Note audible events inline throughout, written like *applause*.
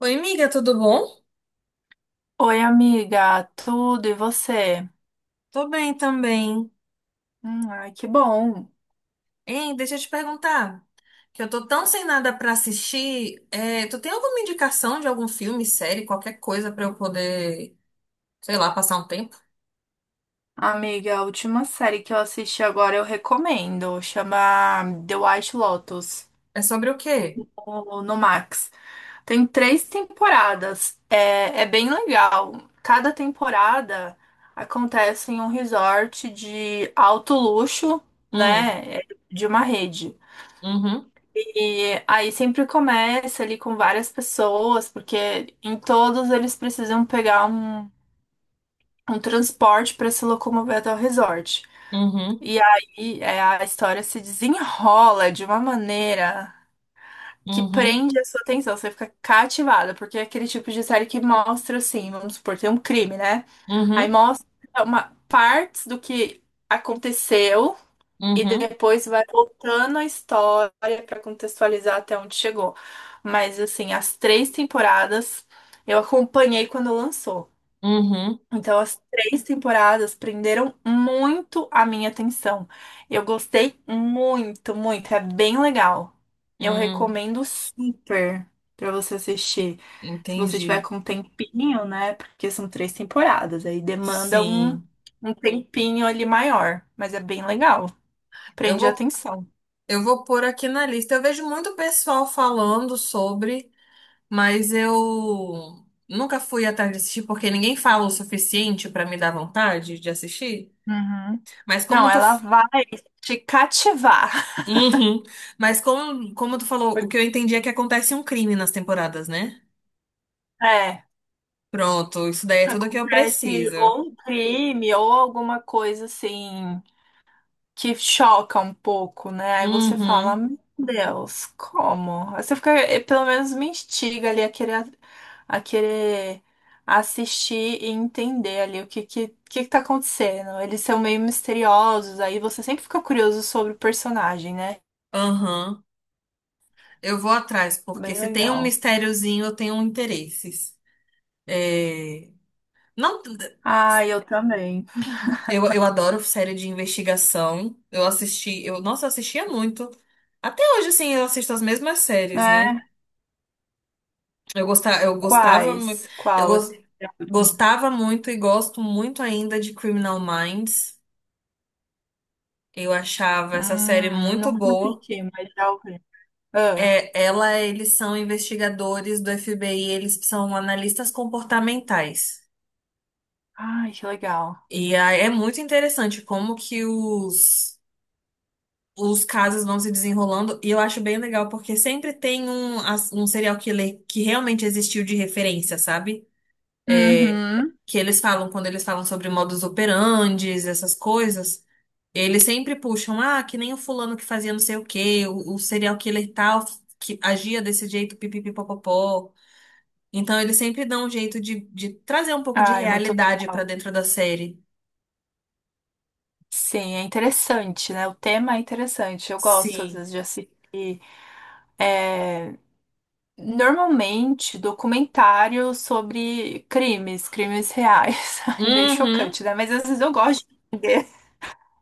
Oi, amiga, tudo bom? Oi, amiga, tudo e você? Tô bem também. Ai, que bom. Hein, deixa eu te perguntar, que eu tô tão sem nada pra assistir, tu tem alguma indicação de algum filme, série, qualquer coisa pra eu poder, sei lá, passar um tempo? Amiga, a última série que eu assisti agora eu recomendo, chama The White Lotus, É sobre o quê? ou no Max. Tem três temporadas, é bem legal. Cada temporada acontece em um resort de alto luxo, Hum, né, é, de uma rede. uhum, E aí sempre começa ali com várias pessoas, porque em todos eles precisam pegar um transporte para se locomover até o resort. uhum, E aí a história se desenrola de uma maneira que uhum, prende a sua atenção, você fica cativada, porque é aquele tipo de série que mostra assim, vamos supor, tem um crime, né? Aí uhum, mostra uma partes do que aconteceu e uhum, depois vai voltando a história para contextualizar até onde chegou. Mas assim, as três temporadas eu acompanhei quando lançou. uhum, Então, as três temporadas prenderam muito a minha atenção. Eu gostei muito, muito. É bem legal. Eu hum, recomendo super pra você assistir. Se você tiver entendi. com um tempinho, né? Porque são três temporadas. Aí demanda Sim, um tempinho ali maior. Mas é bem legal. eu Prende a vou, atenção. eu vou pôr aqui na lista. Eu vejo muito pessoal falando sobre. Mas eu nunca fui atrás de assistir porque ninguém fala o suficiente pra me dar vontade de assistir. Uhum. Mas Não, como tu. ela vai te cativar. Uhum. Mas como tu falou, *laughs* o Porque, que eu entendi é que acontece um crime nas temporadas, né? É, Pronto, isso daí é tudo que eu Acontece preciso. ou um crime ou alguma coisa assim que choca um pouco, né? Aí você fala, Uhum, meu Deus, como? Aí você fica, pelo menos me instiga ali a querer assistir e entender ali que tá acontecendo. Eles são meio misteriosos, aí você sempre fica curioso sobre o personagem, né? aham. Eu vou atrás, porque Bem se tem um legal. mistériozinho, eu tenho interesses. É... Não. Ah, eu também. Eu adoro série de investigação. Eu assisti, eu, nossa, eu assistia muito. Até hoje, assim, eu assisto as mesmas séries, né? Né? Eu gostava, mu- Quais? eu Qual? Assim, gos- é a última? Gostava muito e gosto muito ainda de Criminal Minds. Eu achava essa série muito Não boa. assisti, mas já ouvi. Ah, É, ela, eles são investigadores do FBI, eles são analistas comportamentais. ai, que legal. E aí é muito interessante como que os casos vão se desenrolando e eu acho bem legal porque sempre tem um serial killer que realmente existiu de referência, sabe? É, Uhum. que eles falam, quando eles falam sobre modus operandes, essas coisas, eles sempre puxam, ah, que nem o fulano que fazia não sei o quê, o serial killer tal, que agia desse jeito, pipipipopopó. Então eles sempre dão um jeito de trazer um pouco de Ai, muito realidade pra legal. dentro da série. Sim, é interessante, né? O tema é interessante. Eu gosto, às Sim. vezes, de assistir. é, Normalmente, documentários sobre crimes, crimes reais. *laughs* É meio Uhum. chocante, né? Mas às vezes eu gosto de entender.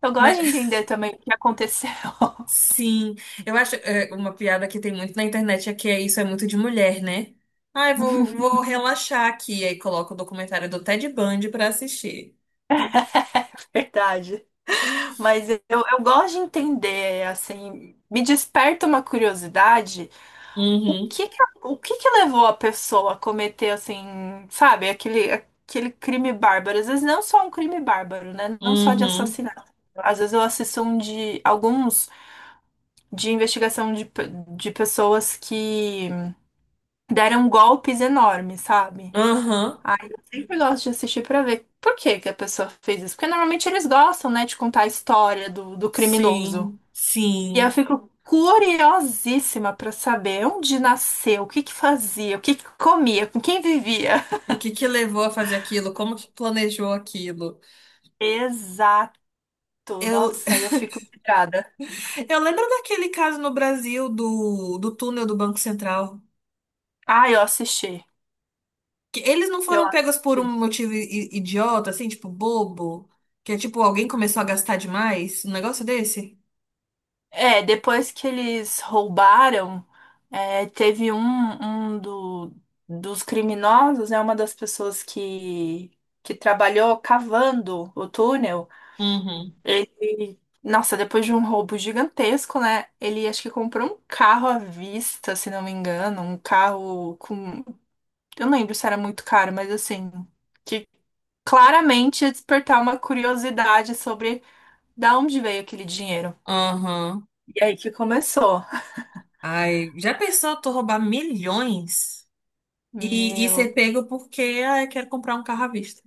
Eu gosto de Mas entender também o que aconteceu. *laughs* sim, eu acho uma piada que tem muito na internet é que isso é muito de mulher, né? Ah, vou relaxar aqui, aí coloca o documentário do Ted Bundy pra assistir. Verdade. Mas eu gosto de entender, assim, me desperta uma curiosidade. O Uhum, que que, o que que levou a pessoa a cometer, assim, sabe, aquele crime bárbaro? Às vezes não só um crime bárbaro, né? Não só de uhum, assassinato. Às vezes eu assisto um de alguns de investigação de pessoas que deram golpes enormes, sabe? aham, Aí eu sempre gosto de assistir pra ver por que que a pessoa fez isso. Porque normalmente eles gostam, né, de contar a história do criminoso. sim, E eu sim. fico curiosíssima para saber onde nasceu, o que que fazia, o que que comia, com quem vivia. O que que levou a fazer aquilo? Como que planejou aquilo? Exato. Eu, Nossa, eu fico pirada. *laughs* eu lembro daquele caso no Brasil do túnel do Banco Central. Ah, eu assisti. Que eles não Eu foram pegos por um assisti. motivo idiota, assim, tipo, bobo. Que é tipo, alguém começou a gastar demais? Um negócio desse? É, depois que eles roubaram, é, teve um, um do- dos criminosos, né, uma das pessoas que trabalhou cavando o túnel. Uhum. Ele, nossa, depois de um roubo gigantesco, né? Ele acho que comprou um carro à vista, se não me engano, eu não lembro se era muito caro, mas assim, que claramente ia despertar uma curiosidade sobre da onde veio aquele dinheiro. Aham. E aí que começou. Ai, já pensou tu roubar milhões e Meu. ser pego porque, ah, eu quero comprar um carro à vista?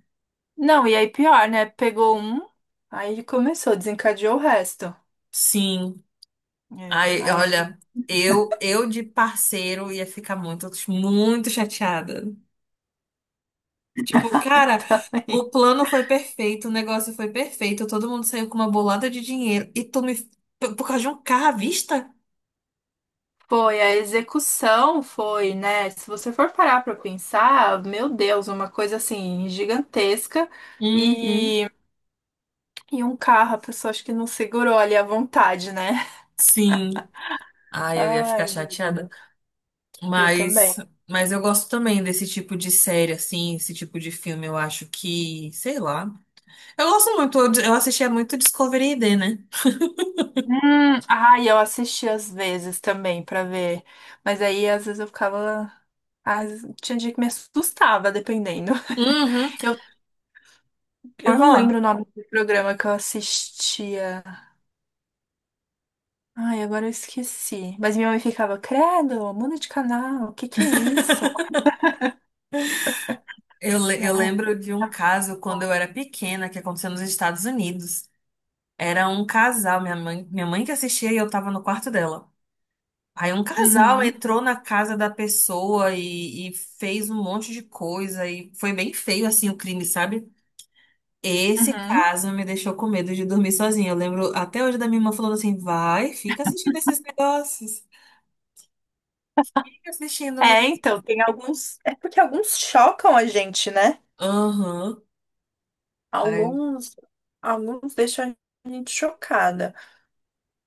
Não, e aí pior, né? Aí ele começou, desencadeou o resto. Sim. É, Ai, aí eu olha, eu de parceiro ia ficar muito, muito chateada. Tipo, cara, *laughs* também. o plano foi perfeito, o negócio foi perfeito, todo mundo saiu com uma bolada de dinheiro e tu me. Por causa de um carro à vista? Foi, a execução foi, né? Se você for parar para pensar, meu Deus, uma coisa assim gigantesca Uhum, e, e um carro, a pessoa acho que não segurou ali à vontade, né? sim. Ai, eu ia ficar Ai, meu chateada. Deus. Eu Mas, também. mas eu gosto também desse tipo de série, assim, esse tipo de filme. Eu acho que, sei lá. Eu gosto muito, eu assistia muito Discovery ID, né? Ai, eu assisti às vezes também para ver, mas aí às vezes eu ficava. Às, tinha dia que me assustava, dependendo. Uhum. Eu, eu Pode não lembro falar. o nome do programa que eu assistia. Ai, agora eu esqueci. Mas minha mãe ficava, credo, muda de canal, o que que é isso? Eu Ai, lembro de um caso quando bom. eu era pequena que aconteceu nos Estados Unidos. Era um casal, minha mãe que assistia e eu tava no quarto dela. Aí um casal Uhum, entrou na casa da pessoa e fez um monte de coisa e foi bem feio assim o crime, sabe? Esse uhum. caso me deixou com medo de dormir sozinha. Eu lembro até hoje da minha irmã falando assim: vai, fica assistindo esses negócios. Fica assistindo É, mesmo. então, tem alguns. É porque alguns chocam a gente, né? Aham. Ai, Alguns, alguns deixam a gente chocada.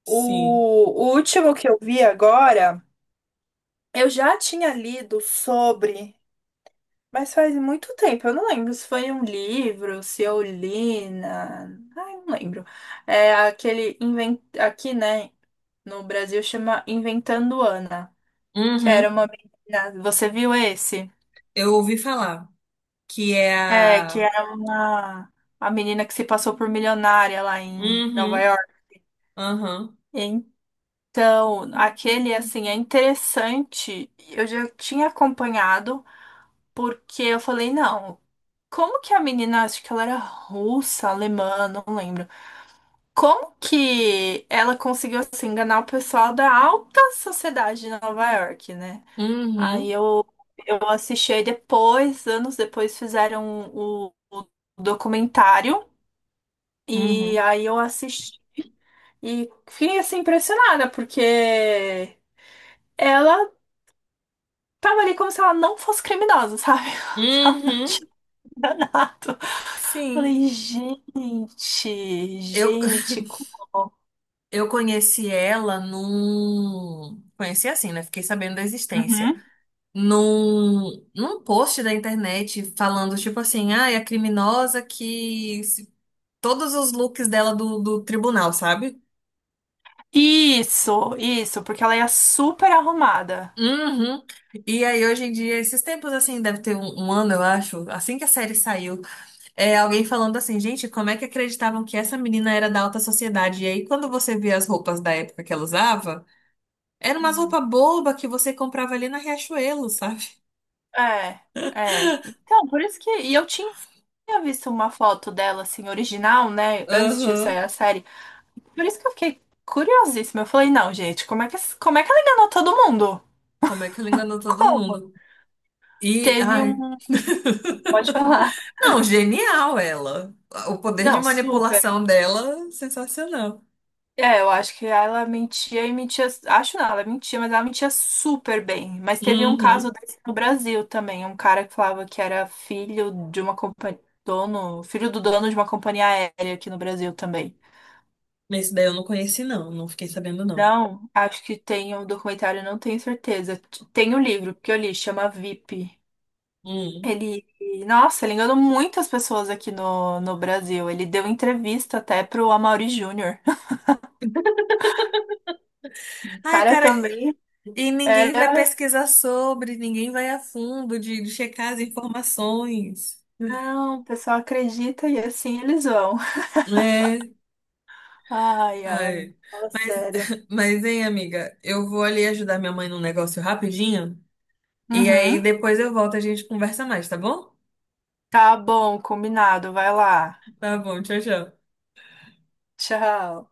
sim. O, o último que eu vi agora, eu já tinha lido sobre, mas faz muito tempo, eu não lembro se foi em um livro, se eu li na. Ai, não lembro. É aquele invent... aqui, né? No Brasil chama Inventando Ana, que Uhum. era uma menina. Você viu esse? Eu ouvi falar que é É, que a. era uma a menina que se passou por milionária lá em Nova Uhum. York. Aham. Então, aquele assim é interessante. Eu já tinha acompanhado porque eu falei, não, como que a menina, acho que ela era russa, alemã, não lembro. Como que ela conseguiu assim, enganar o pessoal da alta sociedade de Nova York, né? Aí Uhum. eu, eu assisti aí depois, anos depois fizeram o documentário e Uhum. aí eu assisti e fiquei assim impressionada porque ela tava ali como se ela não fosse criminosa, sabe? *laughs* Se ela não Uhum. tinha enganado. Sim. Falei, gente, Eu, gente, como? *laughs* eu conheci ela num. Conheci assim, né? Fiquei sabendo da existência. Uhum. Num post da internet falando, tipo assim, ah, é a criminosa que. Se- Todos os looks dela do tribunal, sabe? Isso, porque ela ia super arrumada. Uhum. E aí, hoje em dia, esses tempos assim, deve ter um ano, eu acho, assim que a série saiu, é alguém falando assim, gente, como é que acreditavam que essa menina era da alta sociedade? E aí, quando você vê as roupas da época que ela usava. Era umas Uhum. roupa boba que você comprava ali na Riachuelo, sabe? É, é. Então, por isso que e eu tinha tinha visto uma foto dela, assim, original, né? Antes de sair Aham. a série. Por isso que eu fiquei curiosíssima. Eu falei, não, gente, como é que ela enganou todo mundo? Como é que ela enganou todo Como? mundo? E, Teve ai. um. *laughs* Pode falar. Não, genial ela. O poder de Não, super. manipulação dela, sensacional. É, eu acho que ela mentia e mentia. Acho não, ela mentia, mas ela mentia super bem. Mas teve um caso Uhum. desse no Brasil também. Um cara que falava que era filho de uma companhia. Dono, filho do dono de uma companhia aérea aqui no Brasil também. Mas esse daí eu não conheci, não. Não fiquei sabendo, não. Não, acho que tem um documentário, não tenho certeza. Tem o livro que eu li, chama VIP. Hum. Ele, nossa, ele enganou muitas pessoas aqui no Brasil. Ele deu entrevista até pro Amaury Júnior. *laughs* O Ai, cara cara, também e ninguém vai era. pesquisar sobre, ninguém vai a fundo de checar as informações. Não, o pessoal acredita e assim eles vão. É. Ai, ai, Ai. fala Mas, sério. *laughs* mas, hein, amiga, eu vou ali ajudar minha mãe num negócio rapidinho. E aí Uhum. depois eu volto, e a gente conversa mais, tá bom? Tá bom, combinado. Vai lá. Tá bom, tchau, tchau. Tchau.